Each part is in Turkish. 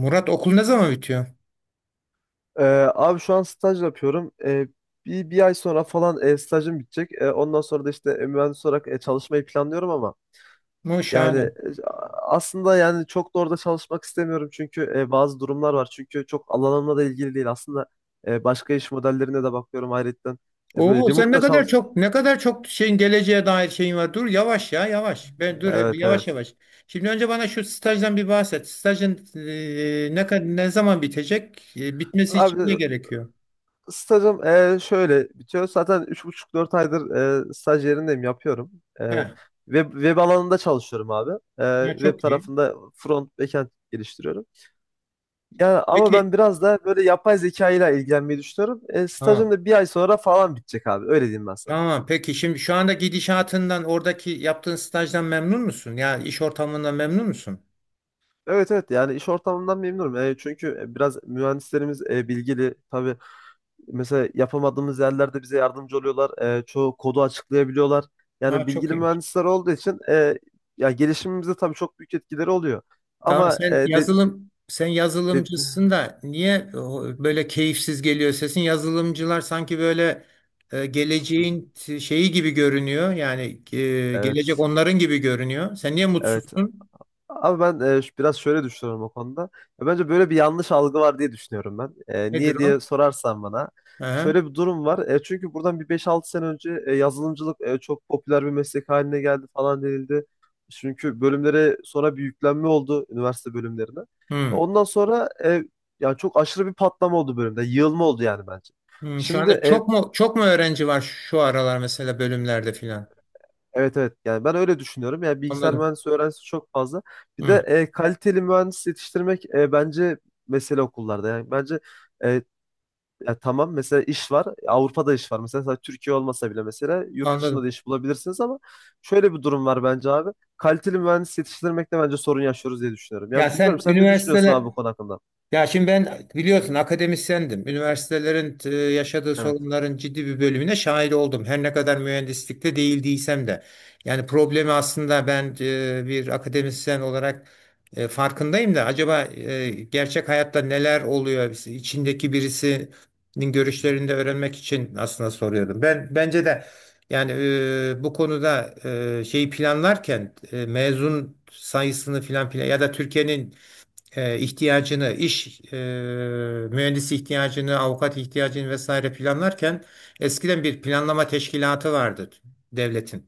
Murat, okul ne zaman bitiyor? Ee, Abi şu an staj yapıyorum. Bir ay sonra falan stajım bitecek. Ondan sonra da işte mühendis olarak çalışmayı planlıyorum ama Mu yani şahane. Aslında yani çok da orada çalışmak istemiyorum çünkü bazı durumlar var. Çünkü çok alanımla da ilgili değil. Aslında başka iş modellerine de bakıyorum ayrıca. Böyle Oo, sen ne remote'da kadar çalış. çok, ne kadar çok şeyin, geleceğe dair şeyin var. Dur, yavaş ya, yavaş. Ben dur, Evet, yavaş evet. yavaş. Şimdi önce bana şu stajdan bir bahset. Stajın, ne zaman bitecek? Bitmesi için Abi, ne gerekiyor? stajım şöyle bitiyor. Zaten 3,5-4 aydır staj yerindeyim, yapıyorum. He. E, web alanında çalışıyorum abi. Ya Web çok iyi. tarafında front, backend geliştiriyorum. Yani ama ben Peki, biraz da böyle yapay zeka ile ilgilenmeyi düşünüyorum. Stajım tamam. da bir ay sonra falan bitecek abi. Öyle diyeyim ben sana. Tamam. Peki şimdi şu anda gidişatından, oradaki yaptığın stajdan memnun musun? Ya iş ortamından memnun musun? Evet, evet, yani iş ortamından memnunum. Çünkü biraz mühendislerimiz bilgili. Tabii. Mesela yapamadığımız yerlerde bize yardımcı oluyorlar. Çoğu kodu açıklayabiliyorlar. Yani Ha, çok bilgili iyi. mühendisler olduğu için ya gelişimimize tabii çok büyük etkileri oluyor. Tamam, Ama e, de, sen de- yazılımcısın da niye o böyle keyifsiz geliyor sesin? Yazılımcılar sanki böyle şeyi gibi görünüyor. Yani gelecek evet, onların gibi görünüyor. Sen niye evet. mutsuzsun? Abi, ben biraz şöyle düşünüyorum o konuda. Ya bence böyle bir yanlış algı var diye düşünüyorum ben. Nedir Niye diye o? sorarsan bana. Aha. Şöyle bir durum var. Çünkü buradan bir 5-6 sene önce yazılımcılık çok popüler bir meslek haline geldi falan denildi. Çünkü bölümlere sonra bir yüklenme oldu üniversite bölümlerine. Hmm. Ondan sonra yani çok aşırı bir patlama oldu bölümde. Yığılma oldu yani bence. Hmm. Şu Şimdi, anda e, çok mu öğrenci var şu aralar mesela bölümlerde filan? Evet evet yani ben öyle düşünüyorum. Yani bilgisayar Anladım. mühendisliği öğrencisi çok fazla. Bir de Hmm. Kaliteli mühendis yetiştirmek bence mesele okullarda. Yani bence e, ya tamam mesela iş var. Avrupa'da iş var. Mesela, sadece Türkiye olmasa bile mesela yurt dışında Anladım. da iş bulabilirsiniz ama şöyle bir durum var bence abi. Kaliteli mühendis yetiştirmekte bence sorun yaşıyoruz diye düşünüyorum. Ya Ya bilmiyorum sen sen ne düşünüyorsun abi üniversiteler bu konu hakkında? Ya şimdi ben, biliyorsun, akademisyendim. Üniversitelerin yaşadığı Evet. sorunların ciddi bir bölümüne şahit oldum. Her ne kadar mühendislikte değil değilsem de. Yani problemi aslında ben, bir akademisyen olarak farkındayım da acaba gerçek hayatta neler oluyor? İçindeki birisinin görüşlerini de öğrenmek için aslında soruyordum. Ben bence de yani bu konuda şeyi planlarken mezun sayısını filan plan ya da Türkiye'nin ihtiyacını, mühendisi ihtiyacını, avukat ihtiyacını vesaire planlarken eskiden bir planlama teşkilatı vardı devletin.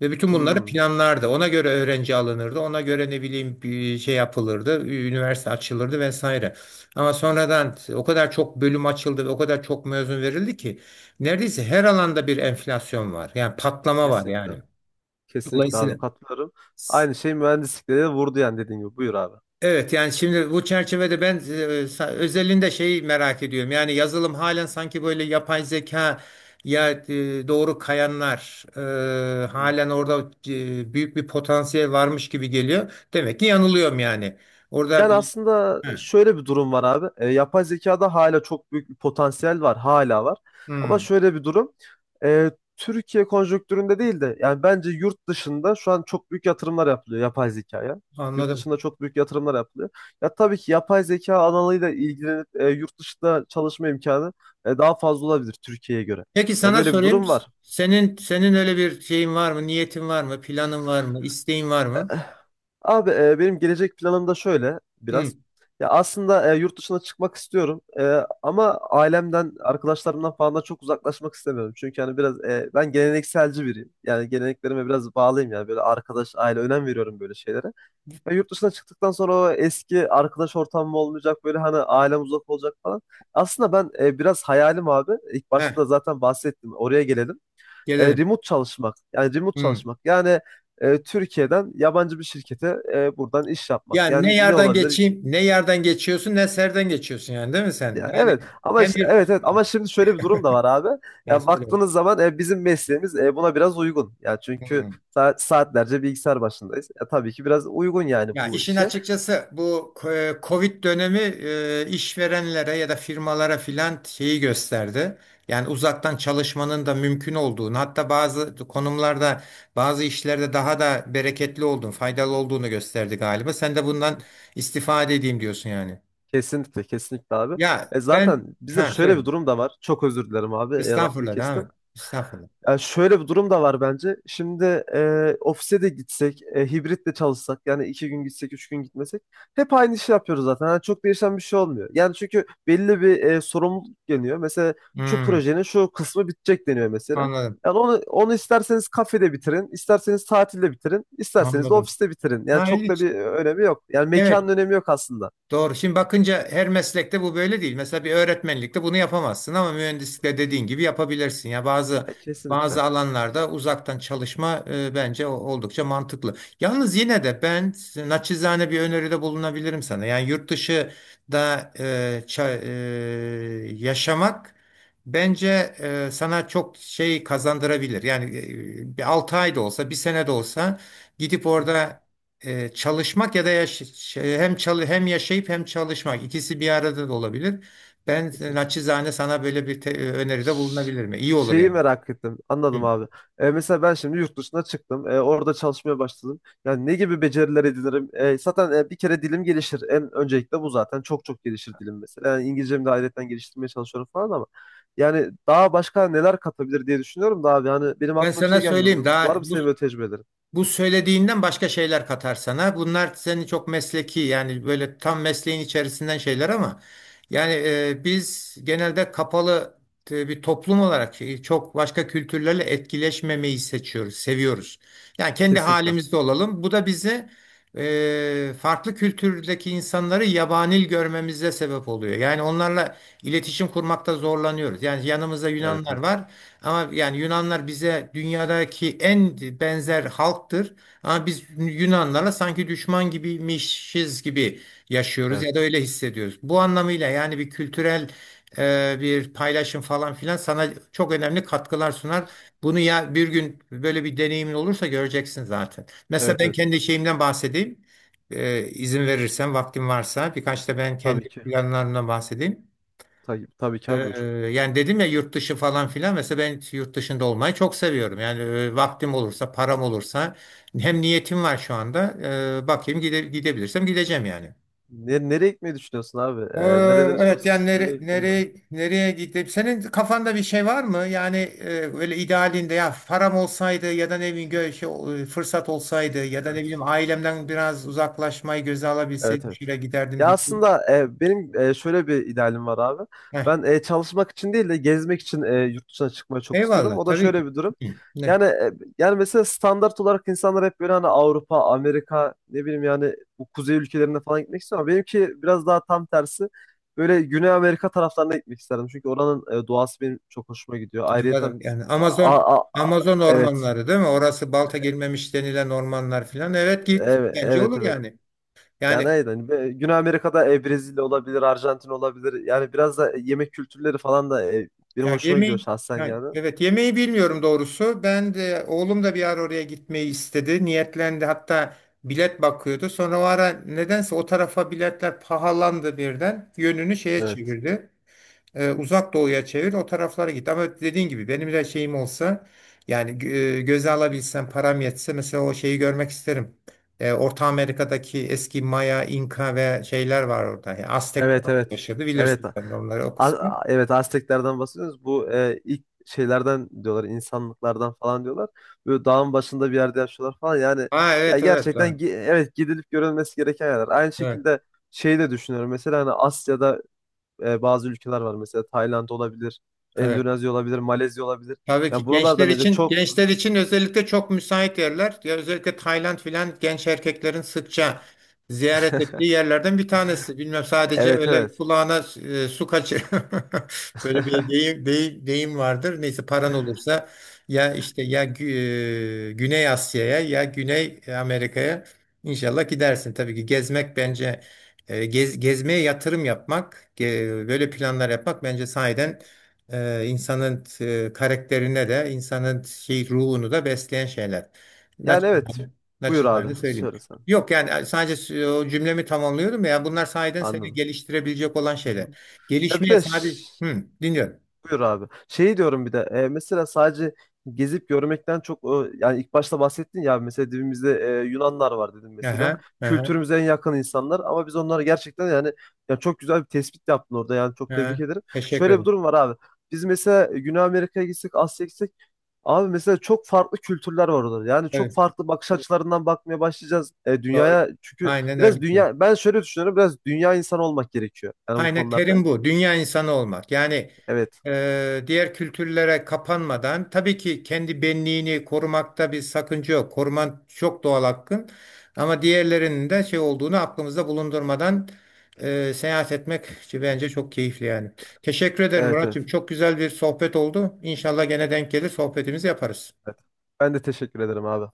Ve bütün bunları Hmm, planlardı. Ona göre öğrenci alınırdı. Ona göre ne bileyim bir şey yapılırdı. Üniversite açılırdı vesaire. Ama sonradan o kadar çok bölüm açıldı ve o kadar çok mezun verildi ki neredeyse her alanda bir enflasyon var. Yani patlama var yani. kesinlikle. Kesinlikle abi, Dolayısıyla katılıyorum. Aynı şey mühendislikte de vurdu yani dediğin gibi. Buyur abi. evet, yani şimdi bu çerçevede ben özelinde şeyi merak ediyorum. Yani yazılım halen sanki böyle yapay zeka ya doğru kayanlar Hı. halen orada büyük bir potansiyel varmış gibi geliyor. Demek ki yanılıyorum yani. Orada Yani aslında şöyle bir durum var abi. Yapay zekada hala çok büyük bir potansiyel var, hala var. Ama hmm, şöyle bir durum. E, Türkiye konjonktüründe değil de yani bence yurt dışında şu an çok büyük yatırımlar yapılıyor yapay zekaya. Yurt anladım. dışında çok büyük yatırımlar yapılıyor. Ya tabii ki yapay zeka alanıyla ilgilenip yurt dışında çalışma imkanı daha fazla olabilir Türkiye'ye göre. Peki Ya sana böyle bir sorayım. durum var. Senin öyle bir şeyin var mı? Niyetin var mı? Planın var mı? İsteğin var mı? Abi, benim gelecek planım da şöyle Hmm, biraz. Ya aslında yurt dışına çıkmak istiyorum ama ailemden, arkadaşlarımdan falan da çok uzaklaşmak istemiyorum. Çünkü hani biraz ben gelenekselci biriyim. Yani geleneklerime biraz bağlıyım, yani böyle arkadaş, aile önem veriyorum böyle şeylere. Ya yurt dışına çıktıktan sonra o eski arkadaş ortamım olmayacak, böyle hani ailem uzak olacak falan. Aslında ben biraz hayalim abi. İlk heh, başta da zaten bahsettim. Oraya gelelim gelelim. remote çalışmak. Yani remote Hmm. çalışmak. Yani Türkiye'den yabancı bir şirkete buradan iş yapmak. Yani ne Yani ne yerden olabilir? geçeyim, ne yerden geçiyorsun, ne serden geçiyorsun yani, değil mi sen? Ya Yani evet ama hem bir, evet, evet, ama şimdi şöyle bir durum da var abi. yani Ya söyle. baktığınız zaman bizim mesleğimiz buna biraz uygun. Ya çünkü Hmm. Saatlerce bilgisayar başındayız. Ya tabii ki biraz uygun yani Ya bu işin işe. açıkçası bu Covid dönemi işverenlere ya da firmalara filan şeyi gösterdi. Yani uzaktan çalışmanın da mümkün olduğunu, hatta bazı konumlarda, bazı işlerde daha da bereketli olduğunu, faydalı olduğunu gösterdi galiba. Sen de bundan istifade edeyim diyorsun yani. Kesinlikle, kesinlikle abi. Ya Zaten ben, bize ha şöyle söyle. bir durum da var. Çok özür dilerim abi. Lafını Estağfurullah, devam kestim. et. Estağfurullah. Ya şöyle bir durum da var bence. Şimdi ofise de gitsek, hibrit de çalışsak, yani 2 gün gitsek, 3 gün gitmesek, hep aynı işi yapıyoruz zaten. Yani çok değişen bir şey olmuyor. Yani çünkü belli bir sorumluluk geliyor. Mesela şu Hmm. projenin şu kısmı bitecek deniyor mesela. Anladım, Yani onu isterseniz kafede bitirin, isterseniz tatilde bitirin, isterseniz de anladım. ofiste bitirin. Yani Ha, çok da ilginç. bir önemi yok. Yani mekanın Evet, önemi yok aslında. doğru. Şimdi bakınca her meslekte bu böyle değil. Mesela bir öğretmenlikte bunu yapamazsın ama mühendislikte dediğin gibi yapabilirsin. Ya bazı Kesinlikle. alanlarda uzaktan çalışma bence oldukça mantıklı. Yalnız yine de ben naçizane bir öneride bulunabilirim sana. Yani yurt dışı da yaşamak bence sana çok şey kazandırabilir. Yani bir 6 ay da olsa, bir sene de olsa gidip Hı, orada çalışmak ya da hem yaşayıp hem çalışmak, ikisi bir arada da olabilir. Ben kesinlikle. naçizane sana böyle bir öneride bulunabilirim. İyi olur Şeyi yani. merak ettim. Hı. Anladım abi. Mesela ben şimdi yurt dışına çıktım. Orada çalışmaya başladım. Yani ne gibi beceriler edinirim? Zaten bir kere dilim gelişir. En öncelikle bu zaten. Çok çok gelişir dilim mesela. Yani İngilizcemi de ayrıyetten geliştirmeye çalışıyorum falan ama. Yani daha başka neler katabilir diye düşünüyorum da abi. Hani benim Ben aklıma bir sana şey gelmiyor. söyleyeyim daha Var mı bu senin böyle tecrübelerin? Bu söylediğinden başka şeyler katar sana. Bunlar seni çok mesleki, yani böyle tam mesleğin içerisinden şeyler ama yani biz genelde kapalı bir toplum olarak çok başka kültürlerle etkileşmemeyi seçiyoruz, seviyoruz. Yani kendi Kesinlikle. halimizde olalım. Bu da bizi farklı kültürdeki insanları yabani görmemize sebep oluyor. Yani onlarla iletişim kurmakta zorlanıyoruz. Yani yanımızda Evet, Yunanlar evet. var. Ama yani Yunanlar bize dünyadaki en benzer halktır. Ama biz Yunanlara sanki düşman gibiymişiz gibi yaşıyoruz ya da Evet. öyle hissediyoruz. Bu anlamıyla yani bir kültürel bir paylaşım falan filan sana çok önemli katkılar sunar. Bunu ya bir gün böyle bir deneyimin olursa göreceksin zaten. Mesela Evet, ben evet. kendi şeyimden bahsedeyim. E, izin verirsen, vaktim varsa, birkaç da ben kendi Tabii ki. planlarımdan bahsedeyim. Tabii, tabii ki Ee, abi, buyur. Yani dedim ya, yurt dışı falan filan, mesela ben yurt dışında olmayı çok seviyorum. Yani vaktim olursa, param olursa, hem niyetim var şu anda. Bakayım gidebilirsem gideceğim yani. Nereye gitmeyi düşünüyorsun abi? Ee, Nerelere evet yani çalışıyorsun? Nereye gittin de? Nereye gidip, senin kafanda bir şey var mı? Yani böyle idealinde, ya param olsaydı ya da ne bileyim fırsat olsaydı ya da ne bileyim Evet. ailemden biraz uzaklaşmayı göze Evet, alabilseydim evet. şuraya giderdim Ya diye. aslında benim şöyle bir idealim var abi. Heh, Ben çalışmak için değil de gezmek için yurt dışına çıkmayı çok istiyorum. eyvallah O da tabii ki. şöyle bir durum. Hı, ne? Yani yani mesela standart olarak insanlar hep böyle hani Avrupa, Amerika, ne bileyim yani bu kuzey ülkelerine falan gitmek istiyor ama benimki biraz daha tam tersi. Böyle Güney Amerika taraflarına gitmek isterdim. Çünkü oranın doğası benim çok hoşuma gidiyor. Ayrıyeten Anladım. A- a- a- Amazon evet, ormanları değil mi? Orası balta girmemiş denilen ormanlar filan. Evet git. evet, Bence evet, olur evet. yani. Yani Yani aynen. Hani Güney Amerika'da Brezilya olabilir, Arjantin olabilir. Yani biraz da yemek kültürleri falan da benim ya hoşuma gidiyor yemeği, şahsen yani yani. evet, yemeği bilmiyorum doğrusu. Ben de oğlum da bir ara oraya gitmeyi istedi. Niyetlendi. Hatta bilet bakıyordu. Sonra o ara nedense o tarafa biletler pahalandı birden. Yönünü şeye Evet. çevirdi. E, uzak doğuya çevir, o taraflara git. Ama dediğin gibi benim de şeyim olsa, yani göze alabilsem, param yetse, mesela o şeyi görmek isterim. E, Orta Amerika'daki eski Maya, İnka ve şeyler var orada. Yani Aztekler Evet, evet. yaşadı, Evet. bilirsin sen de onları, o kısmı. Evet, Azteklerden bahsediyoruz. Bu ilk şeylerden diyorlar, insanlıklardan falan diyorlar. Böyle dağın başında bir yerde yaşıyorlar falan. Yani Ha ya evet, evet, gerçekten evet, evet, gidilip görülmesi gereken yerler. Aynı evet. şekilde şey de düşünüyorum. Mesela hani Asya'da bazı ülkeler var. Mesela Tayland olabilir, Evet. Endonezya olabilir, Malezya olabilir. Tabii Ya ki gençler buralarda bence için, çok. gençler için özellikle çok müsait yerler. Ya özellikle Tayland filan genç erkeklerin sıkça ziyaret ettiği yerlerden bir tanesi. Bilmem, sadece Evet, öyle evet. kulağına su kaçır. Böyle bir deyim vardır. Neyse, paran olursa, ya işte ya Güney Asya'ya ya Güney Amerika'ya inşallah gidersin. Tabii ki gezmek bence gezmeye yatırım yapmak, böyle planlar yapmak bence sahiden insanın karakterine de, insanın şey, ruhunu da besleyen şeyler. Yani evet. Naçizane, Buyur abi. naçizane söyleyeyim. Söyle sen. Yok yani, sadece o cümlemi tamamlıyorum ya, bunlar sahiden seni Anladım. geliştirebilecek olan Hı, hı. şeyler. Ya bir Gelişmeye de sadece, ş- hı, dinliyorum. Buyur abi. Şey diyorum bir de mesela sadece gezip görmekten çok yani ilk başta bahsettin ya mesela dibimizde Yunanlar var dedim mesela. Aha, aha, Kültürümüze en yakın insanlar ama biz onları gerçekten, yani, ya çok güzel bir tespit yaptın orada, yani çok tebrik aha. ederim. Teşekkür Şöyle bir ederim. durum var abi. Biz mesela Güney Amerika'ya gitsek, Asya'ya gitsek abi, mesela çok farklı kültürler var orada. Yani çok Evet, farklı bakış açılarından bakmaya başlayacağız doğru. dünyaya. Çünkü Aynen öyle. biraz dünya, ben şöyle düşünüyorum, biraz dünya insanı olmak gerekiyor yani bu Aynen, konularda. terim bu. Dünya insanı olmak. Yani Evet. Diğer kültürlere kapanmadan tabii ki kendi benliğini korumakta bir sakınca yok. Koruman çok doğal hakkın. Ama diğerlerinin de şey olduğunu aklımızda bulundurmadan seyahat etmek bence çok keyifli yani. Teşekkür ederim Evet, Muratçım. evet. Çok güzel bir sohbet oldu. İnşallah gene denk gelir, sohbetimizi yaparız. Evet. Ben de teşekkür ederim abi.